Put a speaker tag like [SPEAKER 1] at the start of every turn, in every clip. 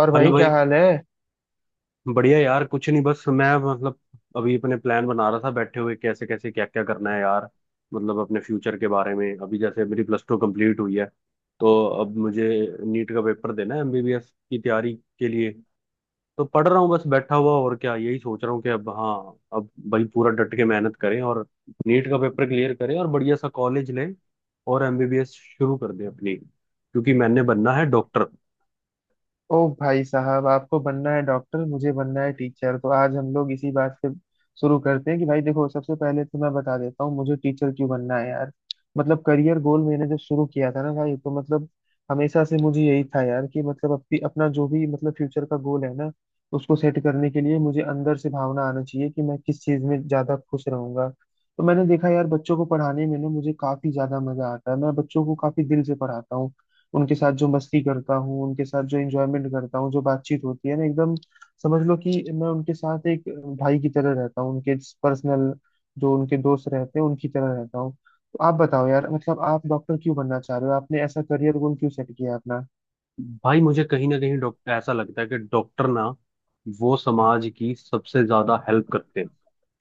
[SPEAKER 1] और
[SPEAKER 2] हेलो
[SPEAKER 1] भाई क्या
[SPEAKER 2] भाई।
[SPEAKER 1] हाल है।
[SPEAKER 2] बढ़िया यार, कुछ नहीं, बस मैं मतलब अभी अपने प्लान बना रहा था, बैठे हुए कैसे कैसे, क्या क्या करना है यार। मतलब अपने फ्यूचर के बारे में। अभी जैसे मेरी प्लस टू कंप्लीट हुई है, तो अब मुझे नीट का पेपर देना है, एमबीबीएस की तैयारी के लिए। तो पढ़ रहा हूँ, बस बैठा हुआ, और क्या, यही सोच रहा हूँ कि अब, हाँ, अब भाई पूरा डट के मेहनत करें और नीट का पेपर क्लियर करें और बढ़िया सा कॉलेज लें और एमबीबीएस शुरू कर दें अपनी, क्योंकि मैंने बनना है डॉक्टर।
[SPEAKER 1] ओ भाई साहब, आपको बनना है डॉक्टर, मुझे बनना है टीचर। तो आज हम लोग इसी बात से शुरू करते हैं कि भाई देखो, सबसे पहले तो मैं बता देता हूँ मुझे टीचर क्यों बनना है यार। मतलब करियर गोल मैंने जब शुरू किया था ना भाई, तो मतलब हमेशा से मुझे यही था यार कि मतलब अपनी अपना जो भी मतलब फ्यूचर का गोल है ना, उसको सेट करने के लिए मुझे अंदर से भावना आना चाहिए कि मैं किस चीज़ में ज़्यादा खुश रहूंगा। तो मैंने देखा यार, बच्चों को पढ़ाने में ना मुझे काफ़ी ज़्यादा मज़ा आता है। मैं बच्चों को काफ़ी दिल से पढ़ाता हूँ, उनके साथ जो मस्ती करता हूँ, उनके साथ जो एंजॉयमेंट करता हूँ, जो बातचीत होती है ना एकदम, समझ लो कि मैं उनके साथ एक भाई की तरह रहता हूँ, उनके पर्सनल जो उनके दोस्त रहते हैं उनकी तरह रहता हूँ। तो आप बताओ यार, मतलब आप डॉक्टर क्यों बनना चाह रहे हो, आपने ऐसा करियर गोल क्यों सेट किया अपना।
[SPEAKER 2] भाई, मुझे कहीं ना कहीं डॉक्टर, ऐसा लगता है कि डॉक्टर ना वो समाज की सबसे ज्यादा हेल्प करते हैं।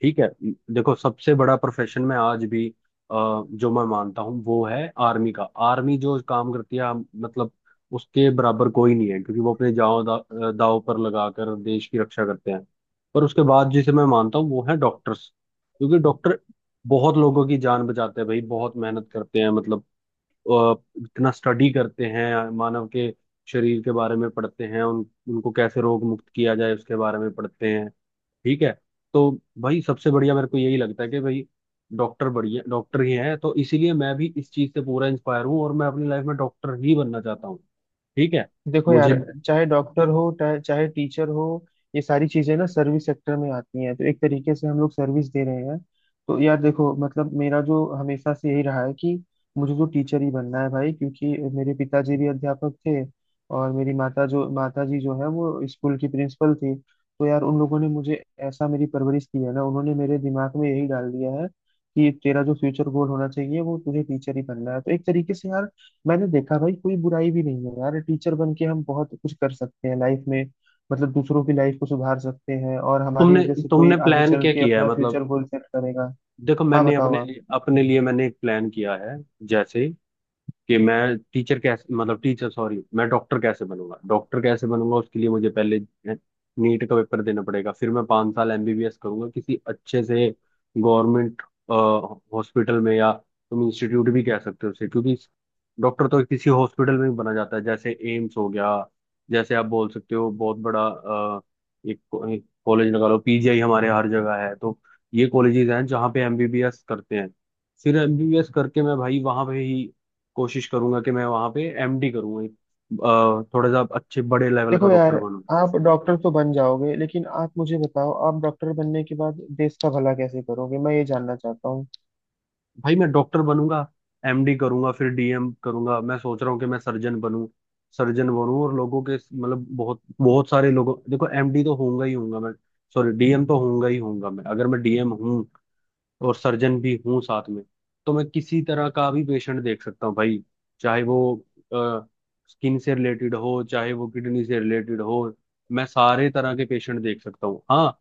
[SPEAKER 2] ठीक है। देखो, सबसे बड़ा प्रोफेशन में आज भी जो मैं मानता हूँ वो है आर्मी का। आर्मी जो काम करती है, मतलब उसके बराबर कोई नहीं है, क्योंकि वो अपने जान दाव पर लगाकर देश की रक्षा करते हैं। पर उसके बाद जिसे मैं मानता हूँ वो है डॉक्टर्स, क्योंकि डॉक्टर बहुत लोगों की जान बचाते हैं भाई, बहुत मेहनत करते हैं, मतलब अ, इतना स्टडी करते हैं, मानव के शरीर के बारे में पढ़ते हैं, उन उनको कैसे रोग मुक्त किया जाए उसके बारे में पढ़ते हैं। ठीक है। तो भाई, सबसे बढ़िया मेरे को यही लगता है कि भाई डॉक्टर बढ़िया, डॉक्टर ही हैं, तो इसीलिए मैं भी इस चीज़ से पूरा इंस्पायर हूँ और मैं अपनी लाइफ में डॉक्टर ही बनना चाहता हूँ। ठीक है।
[SPEAKER 1] देखो
[SPEAKER 2] मुझे,
[SPEAKER 1] यार, चाहे डॉक्टर हो चाहे टीचर हो, ये सारी चीजें ना सर्विस सेक्टर में आती हैं, तो एक तरीके से हम लोग सर्विस दे रहे हैं। तो यार देखो, मतलब मेरा जो हमेशा से यही रहा है कि मुझे तो टीचर ही बनना है भाई, क्योंकि मेरे पिताजी भी अध्यापक थे और मेरी माता जी जो है वो स्कूल की प्रिंसिपल थी। तो यार उन लोगों ने मुझे ऐसा, मेरी परवरिश की है ना, उन्होंने मेरे दिमाग में यही डाल दिया है कि तेरा जो फ्यूचर गोल होना चाहिए वो तुझे टीचर ही बनना है। तो एक तरीके से यार मैंने देखा भाई, कोई बुराई भी नहीं है यार, टीचर बन के हम बहुत कुछ कर सकते हैं लाइफ में। मतलब दूसरों की लाइफ को सुधार सकते हैं, और हमारी
[SPEAKER 2] तुमने
[SPEAKER 1] वजह से कोई
[SPEAKER 2] तुमने
[SPEAKER 1] आगे
[SPEAKER 2] प्लान
[SPEAKER 1] चल
[SPEAKER 2] क्या
[SPEAKER 1] के
[SPEAKER 2] किया है,
[SPEAKER 1] अपना
[SPEAKER 2] मतलब?
[SPEAKER 1] फ्यूचर गोल सेट करेगा।
[SPEAKER 2] देखो,
[SPEAKER 1] हाँ
[SPEAKER 2] मैंने
[SPEAKER 1] बताओ आप।
[SPEAKER 2] अपने लिए मैंने एक प्लान किया है। जैसे कि मैं टीचर कैसे, मतलब टीचर सॉरी, मैं डॉक्टर कैसे बनूंगा, उसके लिए मुझे पहले नीट का पेपर देना पड़ेगा। फिर मैं 5 साल एमबीबीएस करूंगा किसी अच्छे से गवर्नमेंट हॉस्पिटल में, या तुम इंस्टीट्यूट भी कह सकते हो उसे, क्योंकि डॉक्टर तो किसी हॉस्पिटल में भी बना जाता है। जैसे एम्स हो गया, जैसे आप बोल सकते हो बहुत बड़ा एक कॉलेज लगा लो, पीजीआई, हमारे हर जगह है। तो ये कॉलेजेस हैं जहाँ पे एमबीबीएस करते हैं। फिर एमबीबीएस करके मैं भाई वहां पे ही कोशिश करूंगा कि मैं वहां पे एमडी करूंगा, एक थोड़ा सा अच्छे बड़े लेवल का
[SPEAKER 1] देखो यार,
[SPEAKER 2] डॉक्टर बनूं।
[SPEAKER 1] आप डॉक्टर तो बन जाओगे, लेकिन आप मुझे बताओ, आप डॉक्टर बनने के बाद देश का भला कैसे करोगे, मैं ये जानना चाहता हूँ।
[SPEAKER 2] भाई, मैं डॉक्टर बनूंगा, एमडी करूंगा, फिर डीएम करूंगा। मैं सोच रहा हूँ कि मैं सर्जन बनूं। सर्जन बनूं और लोगों के, मतलब बहुत बहुत सारे लोगों, देखो एमडी तो होऊंगा ही होऊंगा मैं, सॉरी डीएम तो होऊंगा ही होऊंगा मैं। अगर मैं डीएम हूँ और सर्जन भी हूँ साथ में, तो मैं किसी तरह का भी पेशेंट देख सकता हूँ भाई। चाहे वो स्किन से रिलेटेड हो, चाहे वो किडनी से रिलेटेड हो, मैं सारे तरह के पेशेंट देख सकता हूँ, हाँ।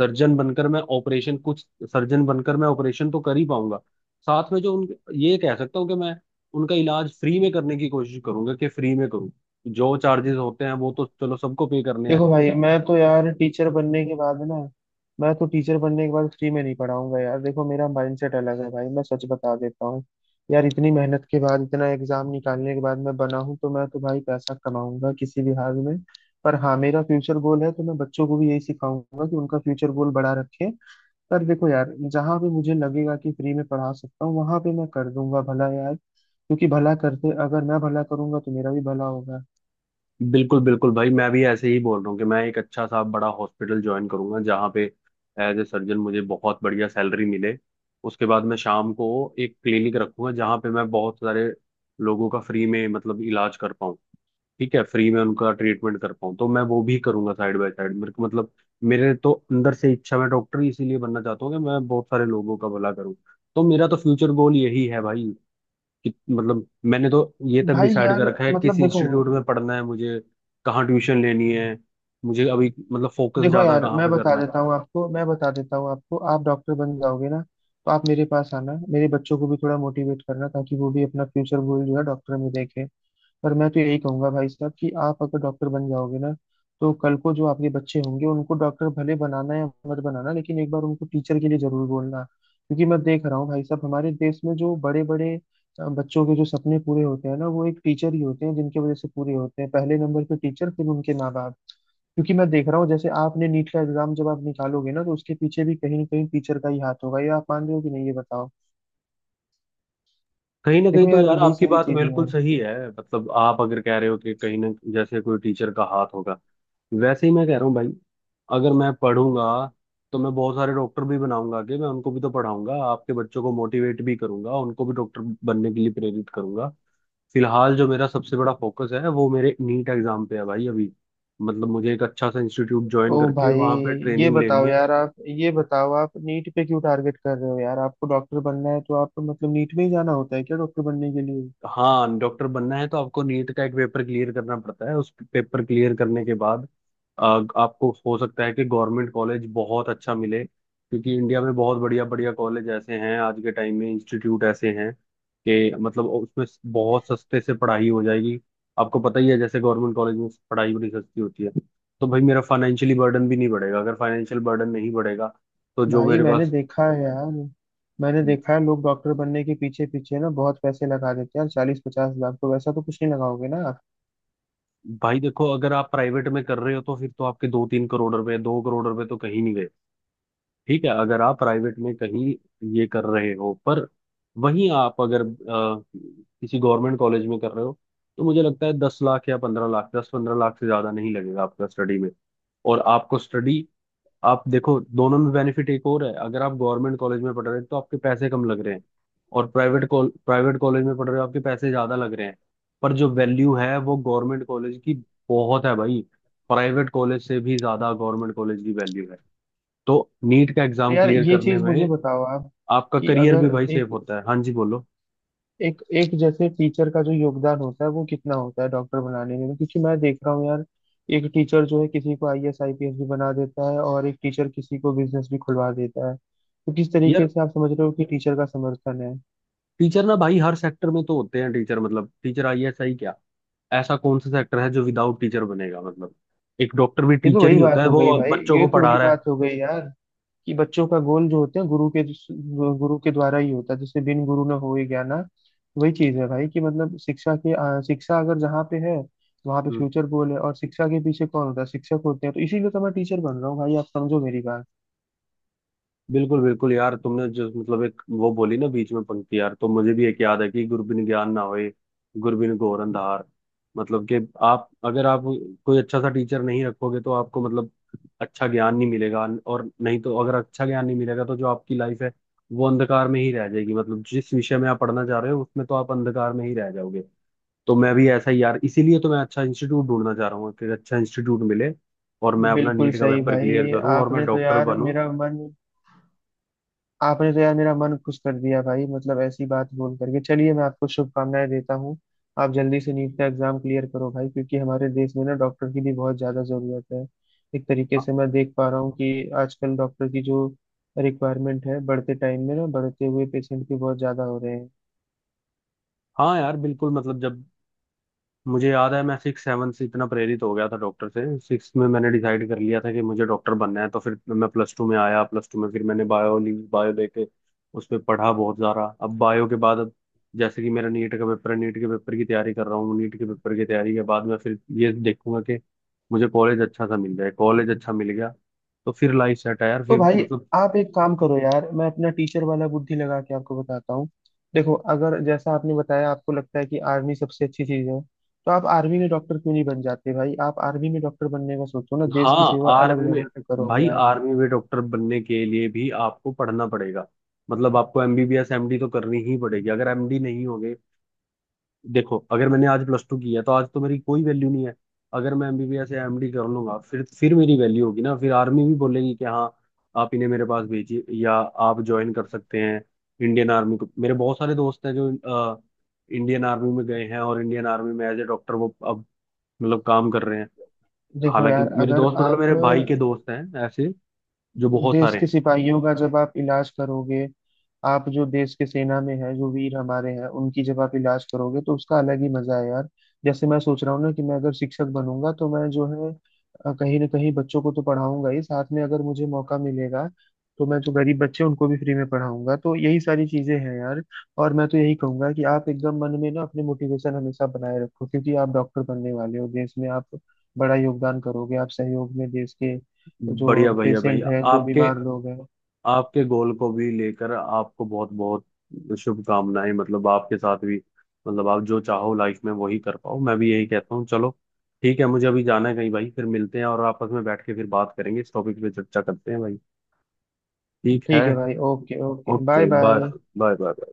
[SPEAKER 2] सर्जन बनकर मैं ऑपरेशन कुछ सर्जन बनकर मैं ऑपरेशन तो कर ही पाऊंगा। साथ में जो उन, ये कह सकता हूँ कि मैं उनका इलाज फ्री में करने की कोशिश करूंगा, कि फ्री में करूँ। जो चार्जेस होते हैं वो तो चलो सबको पे करने
[SPEAKER 1] देखो भाई,
[SPEAKER 2] हैं।
[SPEAKER 1] मैं तो यार टीचर बनने के बाद ना, मैं तो टीचर बनने के बाद फ्री में नहीं पढ़ाऊंगा यार। देखो, मेरा माइंडसेट अलग है भाई, मैं सच बता देता हूँ यार। इतनी मेहनत के बाद, इतना एग्जाम निकालने के बाद मैं बना हूँ, तो मैं तो भाई पैसा कमाऊंगा किसी भी हाल में। पर हाँ, मेरा फ्यूचर गोल है, तो मैं बच्चों को भी यही सिखाऊंगा कि उनका फ्यूचर गोल बड़ा रखें। पर देखो यार, जहाँ पे मुझे लगेगा कि फ्री में पढ़ा सकता हूँ, वहां पे मैं कर दूंगा भला यार, क्योंकि भला करते, अगर मैं भला करूंगा तो मेरा भी भला होगा।
[SPEAKER 2] बिल्कुल बिल्कुल भाई, मैं भी ऐसे ही बोल रहा हूँ कि मैं एक अच्छा सा बड़ा हॉस्पिटल ज्वाइन करूंगा जहाँ पे एज ए सर्जन मुझे बहुत बढ़िया सैलरी मिले। उसके बाद मैं शाम को एक क्लिनिक रखूंगा, जहाँ पे मैं बहुत सारे लोगों का फ्री में, मतलब इलाज कर पाऊँ। ठीक है, फ्री में उनका ट्रीटमेंट कर पाऊँ, तो मैं वो भी करूंगा साइड बाय साइड। मेरे को मतलब, मेरे तो अंदर से इच्छा, मैं डॉक्टर ही इसीलिए बनना चाहता हूँ कि मैं बहुत सारे लोगों का भला करूँ। तो मेरा तो फ्यूचर गोल यही है भाई। कि मतलब मैंने तो ये तक
[SPEAKER 1] भाई
[SPEAKER 2] डिसाइड
[SPEAKER 1] यार,
[SPEAKER 2] कर रखा है किस
[SPEAKER 1] मतलब देखो,
[SPEAKER 2] इंस्टीट्यूट में पढ़ना है मुझे, कहाँ ट्यूशन लेनी है मुझे, अभी मतलब फोकस
[SPEAKER 1] देखो
[SPEAKER 2] ज्यादा
[SPEAKER 1] यार
[SPEAKER 2] कहाँ
[SPEAKER 1] मैं
[SPEAKER 2] पे
[SPEAKER 1] बता
[SPEAKER 2] करना है।
[SPEAKER 1] देता हूँ आपको, मैं बता देता हूँ आपको, आप डॉक्टर बन जाओगे ना, तो आप मेरे पास आना, मेरे बच्चों को भी थोड़ा मोटिवेट करना, ताकि वो भी अपना फ्यूचर गोल जो है डॉक्टर में देखें। और मैं तो यही कहूंगा भाई साहब कि आप अगर डॉक्टर बन जाओगे ना, तो कल को जो आपके बच्चे होंगे, उनको डॉक्टर भले बनाना या मत बनाना, लेकिन एक बार उनको टीचर के लिए जरूर बोलना। क्योंकि मैं देख रहा हूँ भाई साहब, हमारे देश में जो बड़े बड़े बच्चों के जो सपने पूरे होते हैं ना, वो एक टीचर ही होते हैं जिनकी वजह से पूरे होते हैं। पहले नंबर पे टीचर, फिर उनके माँ बाप। क्योंकि मैं देख रहा हूँ, जैसे आपने नीट का एग्जाम जब आप निकालोगे ना, तो उसके पीछे भी कहीं ना कहीं टीचर का ही हाथ होगा। ये आप मान रहे हो कि नहीं, ये बताओ।
[SPEAKER 2] कहीं ना कहीं
[SPEAKER 1] देखो
[SPEAKER 2] तो
[SPEAKER 1] यार,
[SPEAKER 2] यार
[SPEAKER 1] यही
[SPEAKER 2] आपकी
[SPEAKER 1] सारी
[SPEAKER 2] बात
[SPEAKER 1] चीजें
[SPEAKER 2] बिल्कुल
[SPEAKER 1] हैं।
[SPEAKER 2] सही है। मतलब आप अगर कह रहे हो कि कहीं ना जैसे कोई टीचर का हाथ होगा, वैसे ही मैं कह रहा हूँ भाई, अगर मैं पढ़ूंगा तो मैं बहुत सारे डॉक्टर भी बनाऊंगा, कि मैं उनको भी तो पढ़ाऊंगा, आपके बच्चों को मोटिवेट भी करूंगा, उनको भी डॉक्टर बनने के लिए प्रेरित करूंगा। फिलहाल जो मेरा सबसे बड़ा फोकस है वो मेरे नीट एग्जाम पे है भाई अभी। मतलब मुझे एक अच्छा सा इंस्टीट्यूट
[SPEAKER 1] ओ
[SPEAKER 2] ज्वाइन करके
[SPEAKER 1] भाई,
[SPEAKER 2] वहां पे
[SPEAKER 1] ये
[SPEAKER 2] ट्रेनिंग लेनी
[SPEAKER 1] बताओ
[SPEAKER 2] है।
[SPEAKER 1] यार, आप ये बताओ, आप नीट पे क्यों टारगेट कर रहे हो यार। आपको डॉक्टर बनना है, तो आपको मतलब नीट में ही जाना होता है क्या डॉक्टर बनने के लिए?
[SPEAKER 2] हाँ, डॉक्टर बनना है तो आपको नीट का एक पेपर क्लियर करना पड़ता है। उस पेपर क्लियर करने के बाद अ, आपको हो सकता है कि गवर्नमेंट कॉलेज बहुत अच्छा मिले, क्योंकि इंडिया में बहुत बढ़िया बढ़िया कॉलेज ऐसे हैं आज के टाइम में, इंस्टीट्यूट ऐसे हैं कि मतलब उसमें बहुत सस्ते से पढ़ाई हो जाएगी। आपको पता ही है जैसे गवर्नमेंट कॉलेज में पढ़ाई बड़ी सस्ती होती है। तो भाई मेरा फाइनेंशियली बर्डन भी नहीं बढ़ेगा। अगर फाइनेंशियल बर्डन नहीं बढ़ेगा तो जो
[SPEAKER 1] भाई
[SPEAKER 2] मेरे
[SPEAKER 1] मैंने
[SPEAKER 2] पास।
[SPEAKER 1] देखा है यार, मैंने देखा है, लोग डॉक्टर बनने के पीछे पीछे ना बहुत पैसे लगा देते हैं यार, 40-50 लाख। तो वैसा तो कुछ नहीं लगाओगे ना आप?
[SPEAKER 2] भाई देखो, अगर आप प्राइवेट में कर रहे हो तो फिर तो आपके 2-3 करोड़ रुपए, 2 करोड़ रुपए तो कहीं नहीं गए। ठीक है, अगर आप प्राइवेट में कहीं ये कर रहे हो। पर वहीं आप अगर किसी गवर्नमेंट कॉलेज में कर रहे हो, तो मुझे लगता है 10 लाख या 15 लाख, 10-15 लाख से ज्यादा नहीं लगेगा आपका स्टडी में। और आपको स्टडी, आप देखो, दोनों में बेनिफिट एक और है। अगर आप गवर्नमेंट कॉलेज में पढ़ रहे हैं तो आपके पैसे कम लग रहे हैं, और प्राइवेट कॉलेज में पढ़ रहे हो आपके पैसे ज्यादा लग रहे हैं। पर जो वैल्यू है वो गवर्नमेंट कॉलेज की बहुत है भाई, प्राइवेट कॉलेज से भी ज्यादा गवर्नमेंट कॉलेज की वैल्यू है। तो नीट का
[SPEAKER 1] पर
[SPEAKER 2] एग्जाम
[SPEAKER 1] यार
[SPEAKER 2] क्लियर
[SPEAKER 1] ये
[SPEAKER 2] करने
[SPEAKER 1] चीज
[SPEAKER 2] में
[SPEAKER 1] मुझे बताओ आप,
[SPEAKER 2] आपका
[SPEAKER 1] कि
[SPEAKER 2] करियर भी
[SPEAKER 1] अगर
[SPEAKER 2] भाई
[SPEAKER 1] एक,
[SPEAKER 2] सेफ होता है। हाँ जी, बोलो।
[SPEAKER 1] एक जैसे टीचर का जो योगदान होता है, वो कितना होता है डॉक्टर बनाने में। क्योंकि मैं देख रहा हूँ यार, एक टीचर जो है किसी को आईएएस आईपीएस भी बना देता है, और एक टीचर किसी को बिजनेस भी खुलवा देता है। तो किस
[SPEAKER 2] यार,
[SPEAKER 1] तरीके से आप समझ रहे हो कि टीचर का समर्थन है?
[SPEAKER 2] टीचर ना भाई हर सेक्टर में तो होते हैं टीचर, मतलब टीचर, आईएएस, आई क्या, ऐसा कौन सा सेक्टर है जो विदाउट टीचर बनेगा, मतलब। एक डॉक्टर भी
[SPEAKER 1] ये तो
[SPEAKER 2] टीचर
[SPEAKER 1] वही
[SPEAKER 2] ही होता
[SPEAKER 1] बात
[SPEAKER 2] है,
[SPEAKER 1] हो गई
[SPEAKER 2] वो
[SPEAKER 1] भाई,
[SPEAKER 2] बच्चों
[SPEAKER 1] ये
[SPEAKER 2] को
[SPEAKER 1] तो
[SPEAKER 2] पढ़ा
[SPEAKER 1] वही
[SPEAKER 2] रहा
[SPEAKER 1] बात हो गई यार, कि बच्चों का गोल जो होते हैं गुरु के द्वारा ही होता है। जैसे बिन गुरु न होए ज्ञान, वही चीज है भाई कि मतलब शिक्षा अगर जहाँ पे है, वहां पे
[SPEAKER 2] है।
[SPEAKER 1] फ्यूचर गोल है। और शिक्षा के पीछे कौन होता है, शिक्षक होते हैं। तो इसीलिए तो मैं टीचर बन रहा हूँ भाई, आप समझो मेरी बात।
[SPEAKER 2] बिल्कुल बिल्कुल यार, तुमने जो मतलब एक वो बोली ना बीच में पंक्ति यार, तो मुझे भी एक याद है कि गुरबिन ज्ञान ना होए, गुरबिन घोर अंधार। मतलब कि आप अगर आप कोई अच्छा सा टीचर नहीं रखोगे तो आपको, मतलब अच्छा ज्ञान नहीं मिलेगा, और नहीं तो अगर अच्छा ज्ञान नहीं मिलेगा तो जो आपकी लाइफ है वो अंधकार में ही रह जाएगी। मतलब जिस विषय में आप पढ़ना चाह रहे हो उसमें तो आप अंधकार में ही रह जाओगे। तो मैं भी ऐसा ही यार, इसीलिए तो मैं अच्छा इंस्टीट्यूट ढूंढना चाह रहा हूँ कि अच्छा इंस्टीट्यूट मिले और मैं अपना
[SPEAKER 1] बिल्कुल
[SPEAKER 2] नीट का
[SPEAKER 1] सही
[SPEAKER 2] पेपर क्लियर
[SPEAKER 1] भाई,
[SPEAKER 2] करूँ और मैं डॉक्टर बनूँ।
[SPEAKER 1] आपने तो यार मेरा मन खुश कर दिया भाई, मतलब ऐसी बात बोल करके। चलिए, मैं आपको शुभकामनाएं देता हूँ, आप जल्दी से नीट का एग्जाम क्लियर करो भाई। क्योंकि हमारे देश में ना डॉक्टर की भी बहुत ज्यादा जरूरत है। एक तरीके से मैं देख पा रहा हूँ कि आजकल डॉक्टर की जो रिक्वायरमेंट है, बढ़ते टाइम में ना बढ़ते हुए पेशेंट भी बहुत ज्यादा हो रहे हैं।
[SPEAKER 2] हाँ यार बिल्कुल। मतलब जब, मुझे याद है, मैं 6-7 से इतना प्रेरित हो गया था डॉक्टर से। 6 में मैंने डिसाइड कर लिया था कि मुझे डॉक्टर बनना है। तो फिर मैं प्लस टू में आया, प्लस टू में फिर मैंने बायो ली, बायो लेके उस पर पढ़ा बहुत सारा। अब बायो के बाद अब जैसे कि मेरा नीट का पेपर है, नीट के पेपर की तैयारी कर रहा हूँ। नीट के पेपर की तैयारी के बाद मैं फिर ये देखूंगा कि मुझे कॉलेज अच्छा सा मिल जाए। कॉलेज अच्छा मिल गया तो फिर लाइफ सेट है यार,
[SPEAKER 1] तो
[SPEAKER 2] फिर
[SPEAKER 1] भाई,
[SPEAKER 2] मतलब।
[SPEAKER 1] आप एक काम करो यार, मैं अपना टीचर वाला बुद्धि लगा के आपको बताता हूँ। देखो, अगर जैसा आपने बताया आपको लगता है कि आर्मी सबसे अच्छी चीज है, तो आप आर्मी में डॉक्टर क्यों नहीं बन जाते भाई? आप आर्मी में डॉक्टर बनने का सोचो ना, देश की
[SPEAKER 2] हाँ,
[SPEAKER 1] सेवा अलग
[SPEAKER 2] आर्मी में,
[SPEAKER 1] लेवल पे करोगे
[SPEAKER 2] भाई
[SPEAKER 1] आप।
[SPEAKER 2] आर्मी में डॉक्टर बनने के लिए भी आपको पढ़ना पड़ेगा। मतलब आपको एमबीबीएस एमडी तो करनी ही पड़ेगी। अगर एमडी नहीं होगे, देखो अगर मैंने आज प्लस टू किया तो आज तो मेरी कोई वैल्यू नहीं है। अगर मैं एमबीबीएस या एमडी कर लूंगा, फिर मेरी वैल्यू होगी ना, फिर आर्मी भी बोलेगी कि हाँ, आप इन्हें मेरे पास भेजिए, या आप ज्वाइन कर सकते हैं इंडियन आर्मी को। मेरे बहुत सारे दोस्त हैं जो अ, इंडियन आर्मी में गए हैं और इंडियन आर्मी में एज ए डॉक्टर वो अब, मतलब काम कर रहे हैं।
[SPEAKER 1] देखो
[SPEAKER 2] हालांकि
[SPEAKER 1] यार,
[SPEAKER 2] मेरे
[SPEAKER 1] अगर
[SPEAKER 2] दोस्त, मतलब
[SPEAKER 1] आप
[SPEAKER 2] मेरे भाई के दोस्त हैं ऐसे, जो बहुत
[SPEAKER 1] देश
[SPEAKER 2] सारे
[SPEAKER 1] के
[SPEAKER 2] हैं।
[SPEAKER 1] सिपाहियों का जब आप इलाज करोगे, आप जो देश के सेना में है, जो वीर हमारे हैं, उनकी जब आप इलाज करोगे, तो उसका अलग ही मजा है यार। जैसे मैं सोच रहा हूँ ना, कि मैं अगर शिक्षक बनूंगा, तो मैं जो है कहीं ना कहीं बच्चों को तो पढ़ाऊंगा ही। साथ में अगर मुझे मौका मिलेगा, तो मैं जो गरीब बच्चे हैं, उनको भी फ्री में पढ़ाऊंगा। तो यही सारी चीजें हैं यार। और मैं तो यही कहूंगा कि आप एकदम मन में ना अपने मोटिवेशन हमेशा बनाए रखो, क्योंकि आप डॉक्टर बनने वाले हो। देश में आप बड़ा योगदान करोगे, आप सहयोग में, देश के जो
[SPEAKER 2] बढ़िया भैया,
[SPEAKER 1] पेशेंट
[SPEAKER 2] भैया
[SPEAKER 1] है, जो
[SPEAKER 2] आपके,
[SPEAKER 1] बीमार लोग हैं।
[SPEAKER 2] आपके गोल को भी लेकर आपको बहुत बहुत शुभकामनाएं। मतलब आपके साथ भी, मतलब आप जो चाहो लाइफ में वही कर पाओ, मैं भी यही कहता हूँ। चलो ठीक है, मुझे अभी जाना है कहीं भाई, फिर मिलते हैं और आपस में बैठ के फिर बात करेंगे, इस टॉपिक पे चर्चा करते हैं भाई। ठीक है,
[SPEAKER 1] ठीक है भाई, okay okay, bye
[SPEAKER 2] okay. Bye
[SPEAKER 1] bye.
[SPEAKER 2] Bye bye.